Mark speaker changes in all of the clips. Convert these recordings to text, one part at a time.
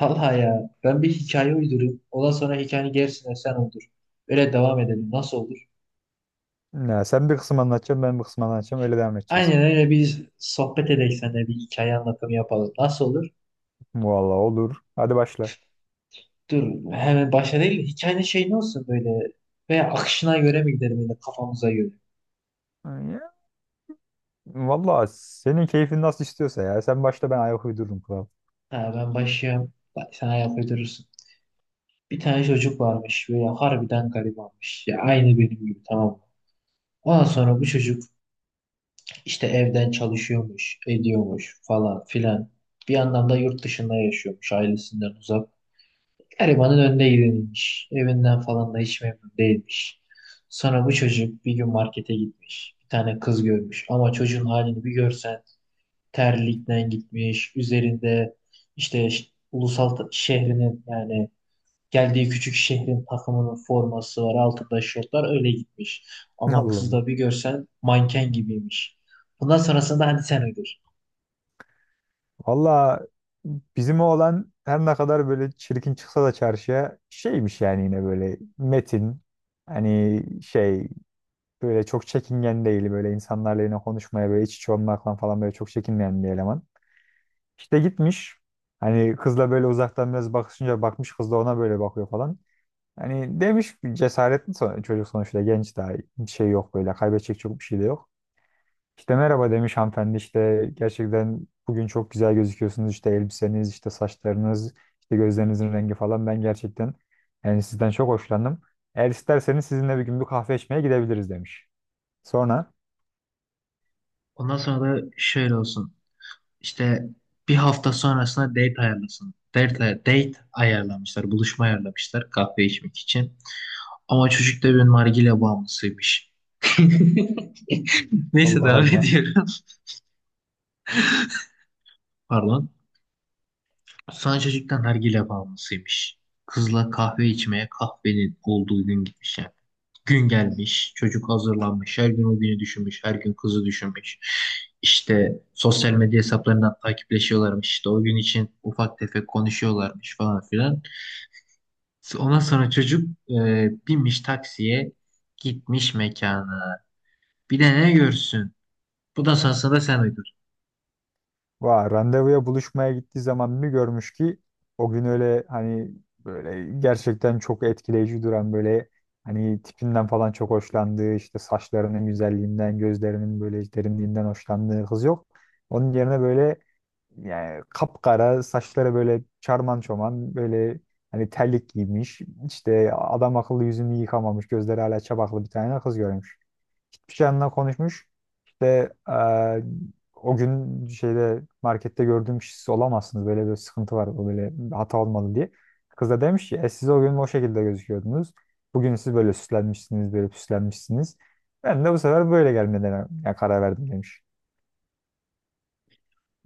Speaker 1: Vallahi ya, ben bir hikaye uydurayım. Ondan sonra hikayenin gerisini sen uydur. Öyle devam edelim. Nasıl olur?
Speaker 2: Ya sen bir kısım anlatacaksın, ben bir kısım anlatacağım. Öyle devam edeceğiz.
Speaker 1: Aynen öyle, biz sohbet edelim, seninle bir hikaye anlatımı yapalım. Nasıl olur?
Speaker 2: Vallahi olur. Hadi başla.
Speaker 1: Dur, hemen başa değil. Hikayenin ne olsun böyle? Veya akışına göre mi gidelim, yine kafamıza göre?
Speaker 2: Ya, vallahi senin keyfin nasıl istiyorsa ya. Sen başla, ben ayak uydururum kral.
Speaker 1: Ha, ben başlayayım. Bak, sen ayak uydurursun. Bir tane çocuk varmış, böyle harbiden garibanmış. Ya, aynı benim gibi, tamam mı? Ondan sonra bu çocuk İşte evden çalışıyormuş, ediyormuş falan filan. Bir yandan da yurt dışında yaşıyormuş, ailesinden uzak. Garibanın önüne gidilmiş. Evinden falan da hiç memnun değilmiş. Sonra bu çocuk bir gün markete gitmiş. Bir tane kız görmüş. Ama çocuğun halini bir görsen, terlikten gitmiş. Üzerinde işte ş- şehrinin, yani geldiği küçük şehrin takımının forması var. Altında şortlar, öyle gitmiş.
Speaker 2: Allah
Speaker 1: Ama kızı
Speaker 2: Allah.
Speaker 1: da bir görsen, manken gibiymiş. Bundan sonrasında hadi sen ödür.
Speaker 2: Vallahi bizim oğlan her ne kadar böyle çirkin çıksa da çarşıya şeymiş, yani yine böyle metin. Hani şey, böyle çok çekingen değil. Böyle insanlarla yine konuşmaya, böyle iç içe olmaktan falan böyle çok çekinmeyen bir eleman. İşte gitmiş. Hani kızla böyle uzaktan biraz bakışınca bakmış kız da ona böyle bakıyor falan. Hani demiş bir cesaretli çocuk sonuçta, genç daha, bir şey yok böyle kaybedecek, çok bir şey de yok. İşte merhaba demiş, hanımefendi işte gerçekten bugün çok güzel gözüküyorsunuz, işte elbiseniz, işte saçlarınız, işte gözlerinizin rengi falan, ben gerçekten yani sizden çok hoşlandım. Eğer isterseniz sizinle bir gün bir kahve içmeye gidebiliriz demiş. Sonra
Speaker 1: Ondan sonra da şöyle olsun. İşte bir hafta sonrasında date ayarlasın. Date ayarlamışlar. Buluşma ayarlamışlar, kahve içmek için. Ama çocuk da bir nargile bağımlısıymış. Neyse,
Speaker 2: Allah
Speaker 1: devam
Speaker 2: Allah.
Speaker 1: ediyorum. Pardon. Sanchez'den nargile bağımlısıymış. Kızla kahve içmeye, kahvenin olduğu gün gitmiş yani. Gün gelmiş, çocuk hazırlanmış, her gün o günü düşünmüş, her gün kızı düşünmüş. İşte sosyal medya hesaplarından takipleşiyorlarmış, işte o gün için ufak tefek konuşuyorlarmış falan filan. Ondan sonra çocuk binmiş taksiye, gitmiş mekana. Bir de ne görsün? Bu da sonrasında sen uydurdun.
Speaker 2: Va, randevuya buluşmaya gittiği zaman bir görmüş ki o gün öyle hani böyle gerçekten çok etkileyici duran, böyle hani tipinden falan çok hoşlandığı, işte saçlarının güzelliğinden, gözlerinin böyle derinliğinden hoşlandığı kız yok. Onun yerine böyle, yani kapkara saçları böyle çarman çoman, böyle hani terlik giymiş. İşte adam akıllı yüzünü yıkamamış. Gözleri hala çapaklı bir tane kız görmüş. Hiçbir şey onunla konuşmuş. İşte o gün şeyde markette gördüğüm siz olamazsınız. Böyle bir sıkıntı var. O böyle hata olmalı diye. Kız da demiş ki siz o gün o şekilde gözüküyordunuz. Bugün siz böyle süslenmişsiniz, böyle püslenmişsiniz. Ben de bu sefer böyle gelmeden karar verdim demiş.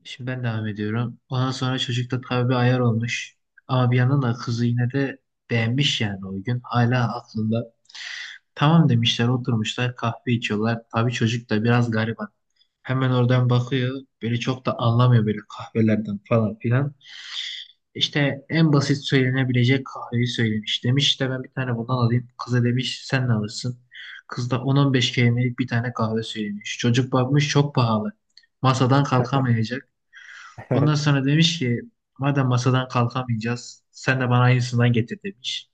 Speaker 1: Şimdi ben devam ediyorum. Ondan sonra çocukta tabii bir ayar olmuş. Ama bir yandan da kızı yine de beğenmiş yani o gün. Hala aklında. Tamam demişler, oturmuşlar, kahve içiyorlar. Tabii çocuk da biraz gariban. Hemen oradan bakıyor. Böyle çok da anlamıyor böyle kahvelerden falan filan. İşte en basit söylenebilecek kahveyi söylemiş. Demiş işte ben bir tane bundan alayım. Kıza demiş sen ne alırsın? Kız da 10-15 kelimelik bir tane kahve söylemiş. Çocuk bakmış çok pahalı. Masadan kalkamayacak. Ondan sonra demiş ki madem masadan kalkamayacağız, sen de bana aynısından getir demiş.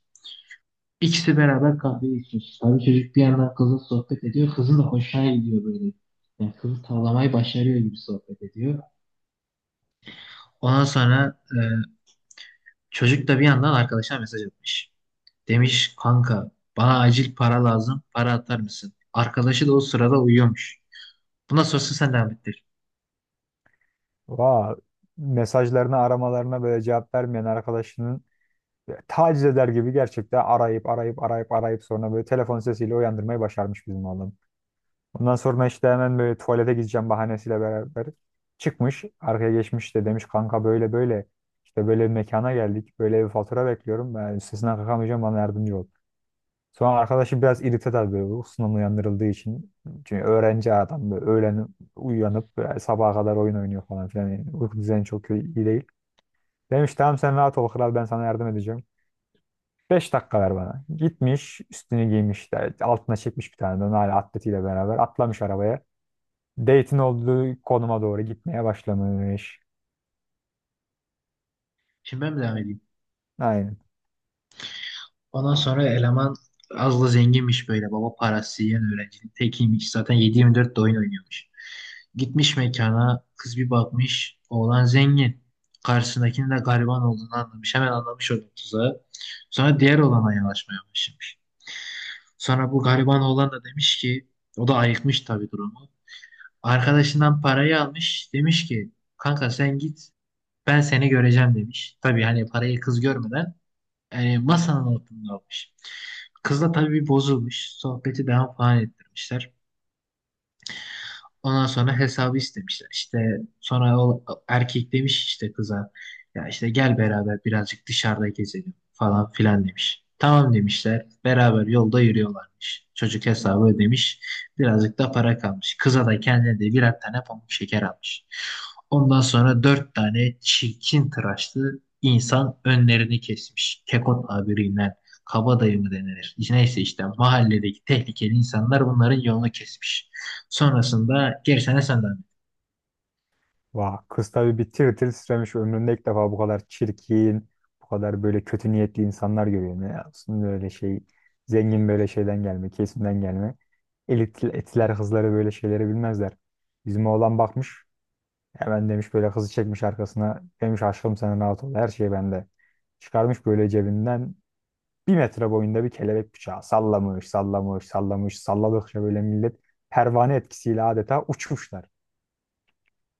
Speaker 1: İkisi beraber kahve içmiş. Tabii çocuk bir yandan kızla sohbet ediyor. Kızın da hoşuna gidiyor böyle. Yani kızı tavlamayı başarıyor gibi sohbet ediyor. Ondan sonra çocuk da bir yandan arkadaşına mesaj atmış. Demiş kanka, bana acil para lazım. Para atar mısın? Arkadaşı da o sırada uyuyormuş. Bundan sonrası sen devam ettir.
Speaker 2: Va, mesajlarına, aramalarına böyle cevap vermeyen arkadaşının taciz eder gibi gerçekten arayıp arayıp arayıp arayıp sonra böyle telefon sesiyle uyandırmayı başarmış bizim oğlum. Ondan sonra işte hemen böyle tuvalete gideceğim bahanesiyle beraber çıkmış. Arkaya geçmiş de demiş, kanka böyle böyle, işte böyle bir mekana geldik. Böyle bir fatura bekliyorum. Ben üstesinden kalkamayacağım, bana yardımcı ol. Sonra arkadaşı biraz irite tabii, böyle uykusundan uyandırıldığı için. Çünkü öğrenci adam böyle öğlen uyanıp böyle sabaha kadar oyun oynuyor falan filan. Yani uyku düzeni çok iyi değil. Demiş tamam sen rahat ol kral, ben sana yardım edeceğim. 5 dakika ver bana. Gitmiş üstünü giymiş de, altına çekmiş bir tane de hala atletiyle beraber atlamış arabaya. Date'in olduğu konuma doğru gitmeye başlamış.
Speaker 1: Şimdi ben mi devam edeyim?
Speaker 2: Aynen.
Speaker 1: Ondan sonra eleman az da zenginmiş böyle. Baba parası yiyen öğrencinin tekiymiş. Zaten 7-24 de oyun oynuyormuş. Gitmiş mekana. Kız bir bakmış. Oğlan zengin. Karşısındakinin de gariban olduğunu anlamış. Hemen anlamış onun tuzağı. Sonra diğer oğlana yanaşmaya başlamış. Sonra bu gariban oğlan da demiş ki, o da ayıkmış tabii durumu. Arkadaşından parayı almış. Demiş ki kanka sen git, ben seni göreceğim demiş. Tabii hani parayı kız görmeden, yani masanın altında almış. Kızla tabii bozulmuş. Sohbeti devam falan ettirmişler. Ondan sonra hesabı istemişler. İşte sonra o erkek demiş işte kıza, ya işte gel beraber birazcık dışarıda gezelim falan filan demiş. Tamam demişler. Beraber yolda yürüyorlarmış. Çocuk hesabı ödemiş. Birazcık da para kalmış. Kıza da kendine de birer tane pamuk şeker almış. Ondan sonra dört tane çirkin tıraşlı insan önlerini kesmiş. Kekot tabiriyle kabadayı mı denilir? Neyse işte mahalledeki tehlikeli insanlar bunların yolunu kesmiş. Sonrasında gerisine senden.
Speaker 2: Vah, kız tabii bir tir tir titremiş, ömründe ilk defa bu kadar çirkin, bu kadar böyle kötü niyetli insanlar görüyorum ya. Aslında öyle şey, zengin böyle şeyden gelme, kesimden gelme. Elit, etiler kızları böyle şeyleri bilmezler. Bizim oğlan bakmış, hemen demiş böyle, kızı çekmiş arkasına. Demiş aşkım sen rahat ol, her şey bende. Çıkarmış böyle cebinden bir metre boyunda bir kelebek bıçağı. Sallamış, sallamış, sallamış, salladıkça böyle millet pervane etkisiyle adeta uçmuşlar.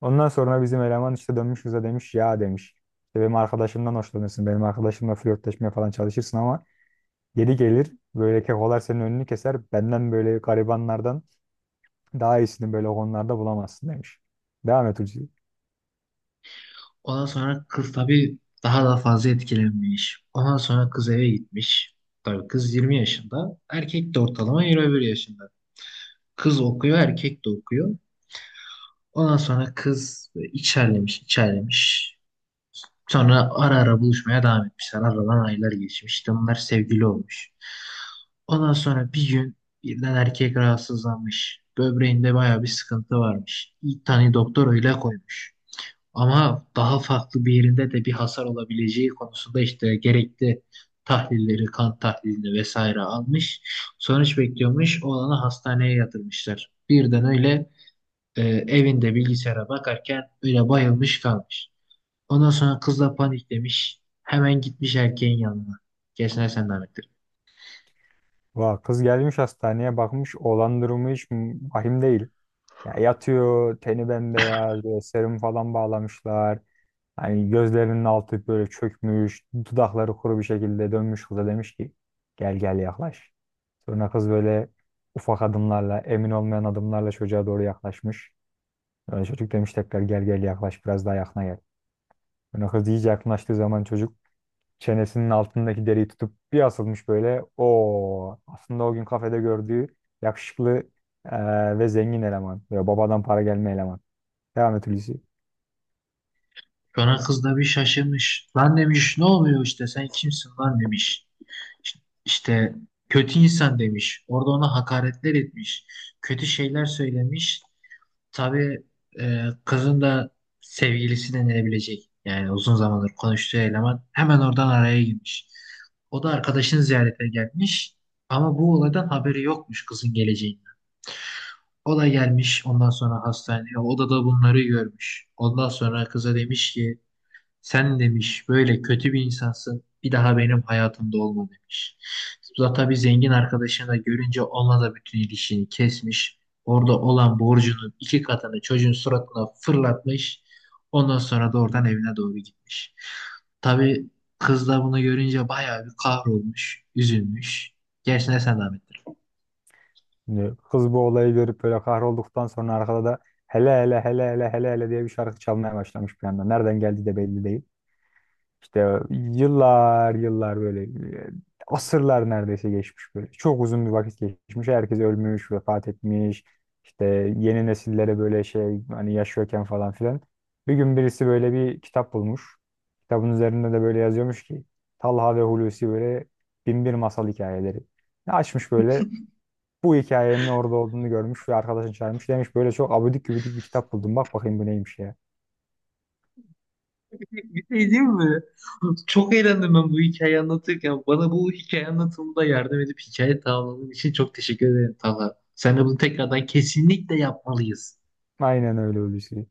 Speaker 2: Ondan sonra bizim eleman işte dönmüş bize demiş, ya demiş. İşte benim arkadaşımdan hoşlanırsın. Benim arkadaşımla flörtleşmeye falan çalışırsın ama geri gelir böyle kekolar senin önünü keser. Benden, böyle garibanlardan daha iyisini böyle konularda bulamazsın demiş. Devam et Hulusi.
Speaker 1: Ondan sonra kız tabii daha da fazla etkilenmiş. Ondan sonra kız eve gitmiş. Tabii kız 20 yaşında. Erkek de ortalama 21 yaşında. Kız okuyor, erkek de okuyor. Ondan sonra kız içerlemiş, içerlemiş. Sonra ara ara buluşmaya devam etmişler. Aradan aylar geçmiş. İşte bunlar sevgili olmuş. Ondan sonra bir gün birden erkek rahatsızlanmış. Böbreğinde baya bir sıkıntı varmış. İlk tane doktor öyle koymuş. Ama daha farklı bir yerinde de bir hasar olabileceği konusunda işte gerekli tahlilleri, kan tahlilini vesaire almış. Sonuç bekliyormuş. Oğlanı hastaneye yatırmışlar. Birden öyle e, evinde bilgisayara bakarken öyle bayılmış kalmış. Ondan sonra kız da paniklemiş. Hemen gitmiş erkeğin yanına. Kesene sen Ahmet.
Speaker 2: Vah, kız gelmiş hastaneye, bakmış olan durumu hiç vahim değil. Ya yatıyor teni bembeyaz, böyle serum falan bağlamışlar. Hani gözlerinin altı böyle çökmüş, dudakları kuru bir şekilde dönmüş kıza demiş ki, gel gel yaklaş. Sonra kız böyle ufak adımlarla, emin olmayan adımlarla çocuğa doğru yaklaşmış. Sonra çocuk demiş tekrar, gel gel yaklaş, biraz daha yakına gel. Sonra kız iyice yaklaştığı zaman çocuk çenesinin altındaki deriyi tutup bir asılmış böyle. O aslında o gün kafede gördüğü yakışıklı ve zengin eleman. Böyle babadan para gelme eleman. Devam et Hulusi.
Speaker 1: Sonra kız da bir şaşırmış. Lan demiş ne oluyor, işte sen kimsin lan demiş. İşte kötü insan demiş. Orada ona hakaretler etmiş. Kötü şeyler söylemiş. Tabii kızın da sevgilisi denilebilecek, yani uzun zamandır konuştuğu eleman hemen oradan araya girmiş. O da arkadaşını ziyarete gelmiş. Ama bu olaydan haberi yokmuş, kızın geleceğinden. O da gelmiş ondan sonra hastaneye. O da da bunları görmüş. Ondan sonra kıza demiş ki sen demiş böyle kötü bir insansın. Bir daha benim hayatımda olma demiş. Zula tabii zengin arkadaşını da görünce onunla da bütün ilişkini kesmiş. Orada olan borcunun iki katını çocuğun suratına fırlatmış. Ondan sonra da oradan evine doğru gitmiş. Tabii kız da bunu görünce bayağı bir kahrolmuş, üzülmüş. Gerisine sen devam ettir.
Speaker 2: Şimdi kız bu olayı görüp böyle kahrolduktan sonra arkada da hele hele hele hele hele hele diye bir şarkı çalmaya başlamış bir anda. Nereden geldiği de belli değil. İşte yıllar yıllar böyle e, asırlar neredeyse geçmiş böyle. Çok uzun bir vakit geçmiş. Herkes ölmüş, vefat etmiş. İşte yeni nesillere böyle şey, hani yaşıyorken falan filan. Bir gün birisi böyle bir kitap bulmuş. Kitabın üzerinde de böyle yazıyormuş ki, Talha ve Hulusi böyle binbir masal hikayeleri. Açmış böyle, bu hikayenin orada olduğunu görmüş ve arkadaşını çağırmış. Demiş böyle çok abidik gübidik bir kitap buldum. Bak bakayım bu neymiş ya.
Speaker 1: Bir şey diyeyim mi? Çok eğlendim ben bu hikayeyi anlatırken. Bana bu hikaye anlatımında yardım edip hikaye tamamladığın için çok teşekkür ederim Talha. Sen de bunu tekrardan kesinlikle yapmalıyız.
Speaker 2: Aynen öyle Hulusi.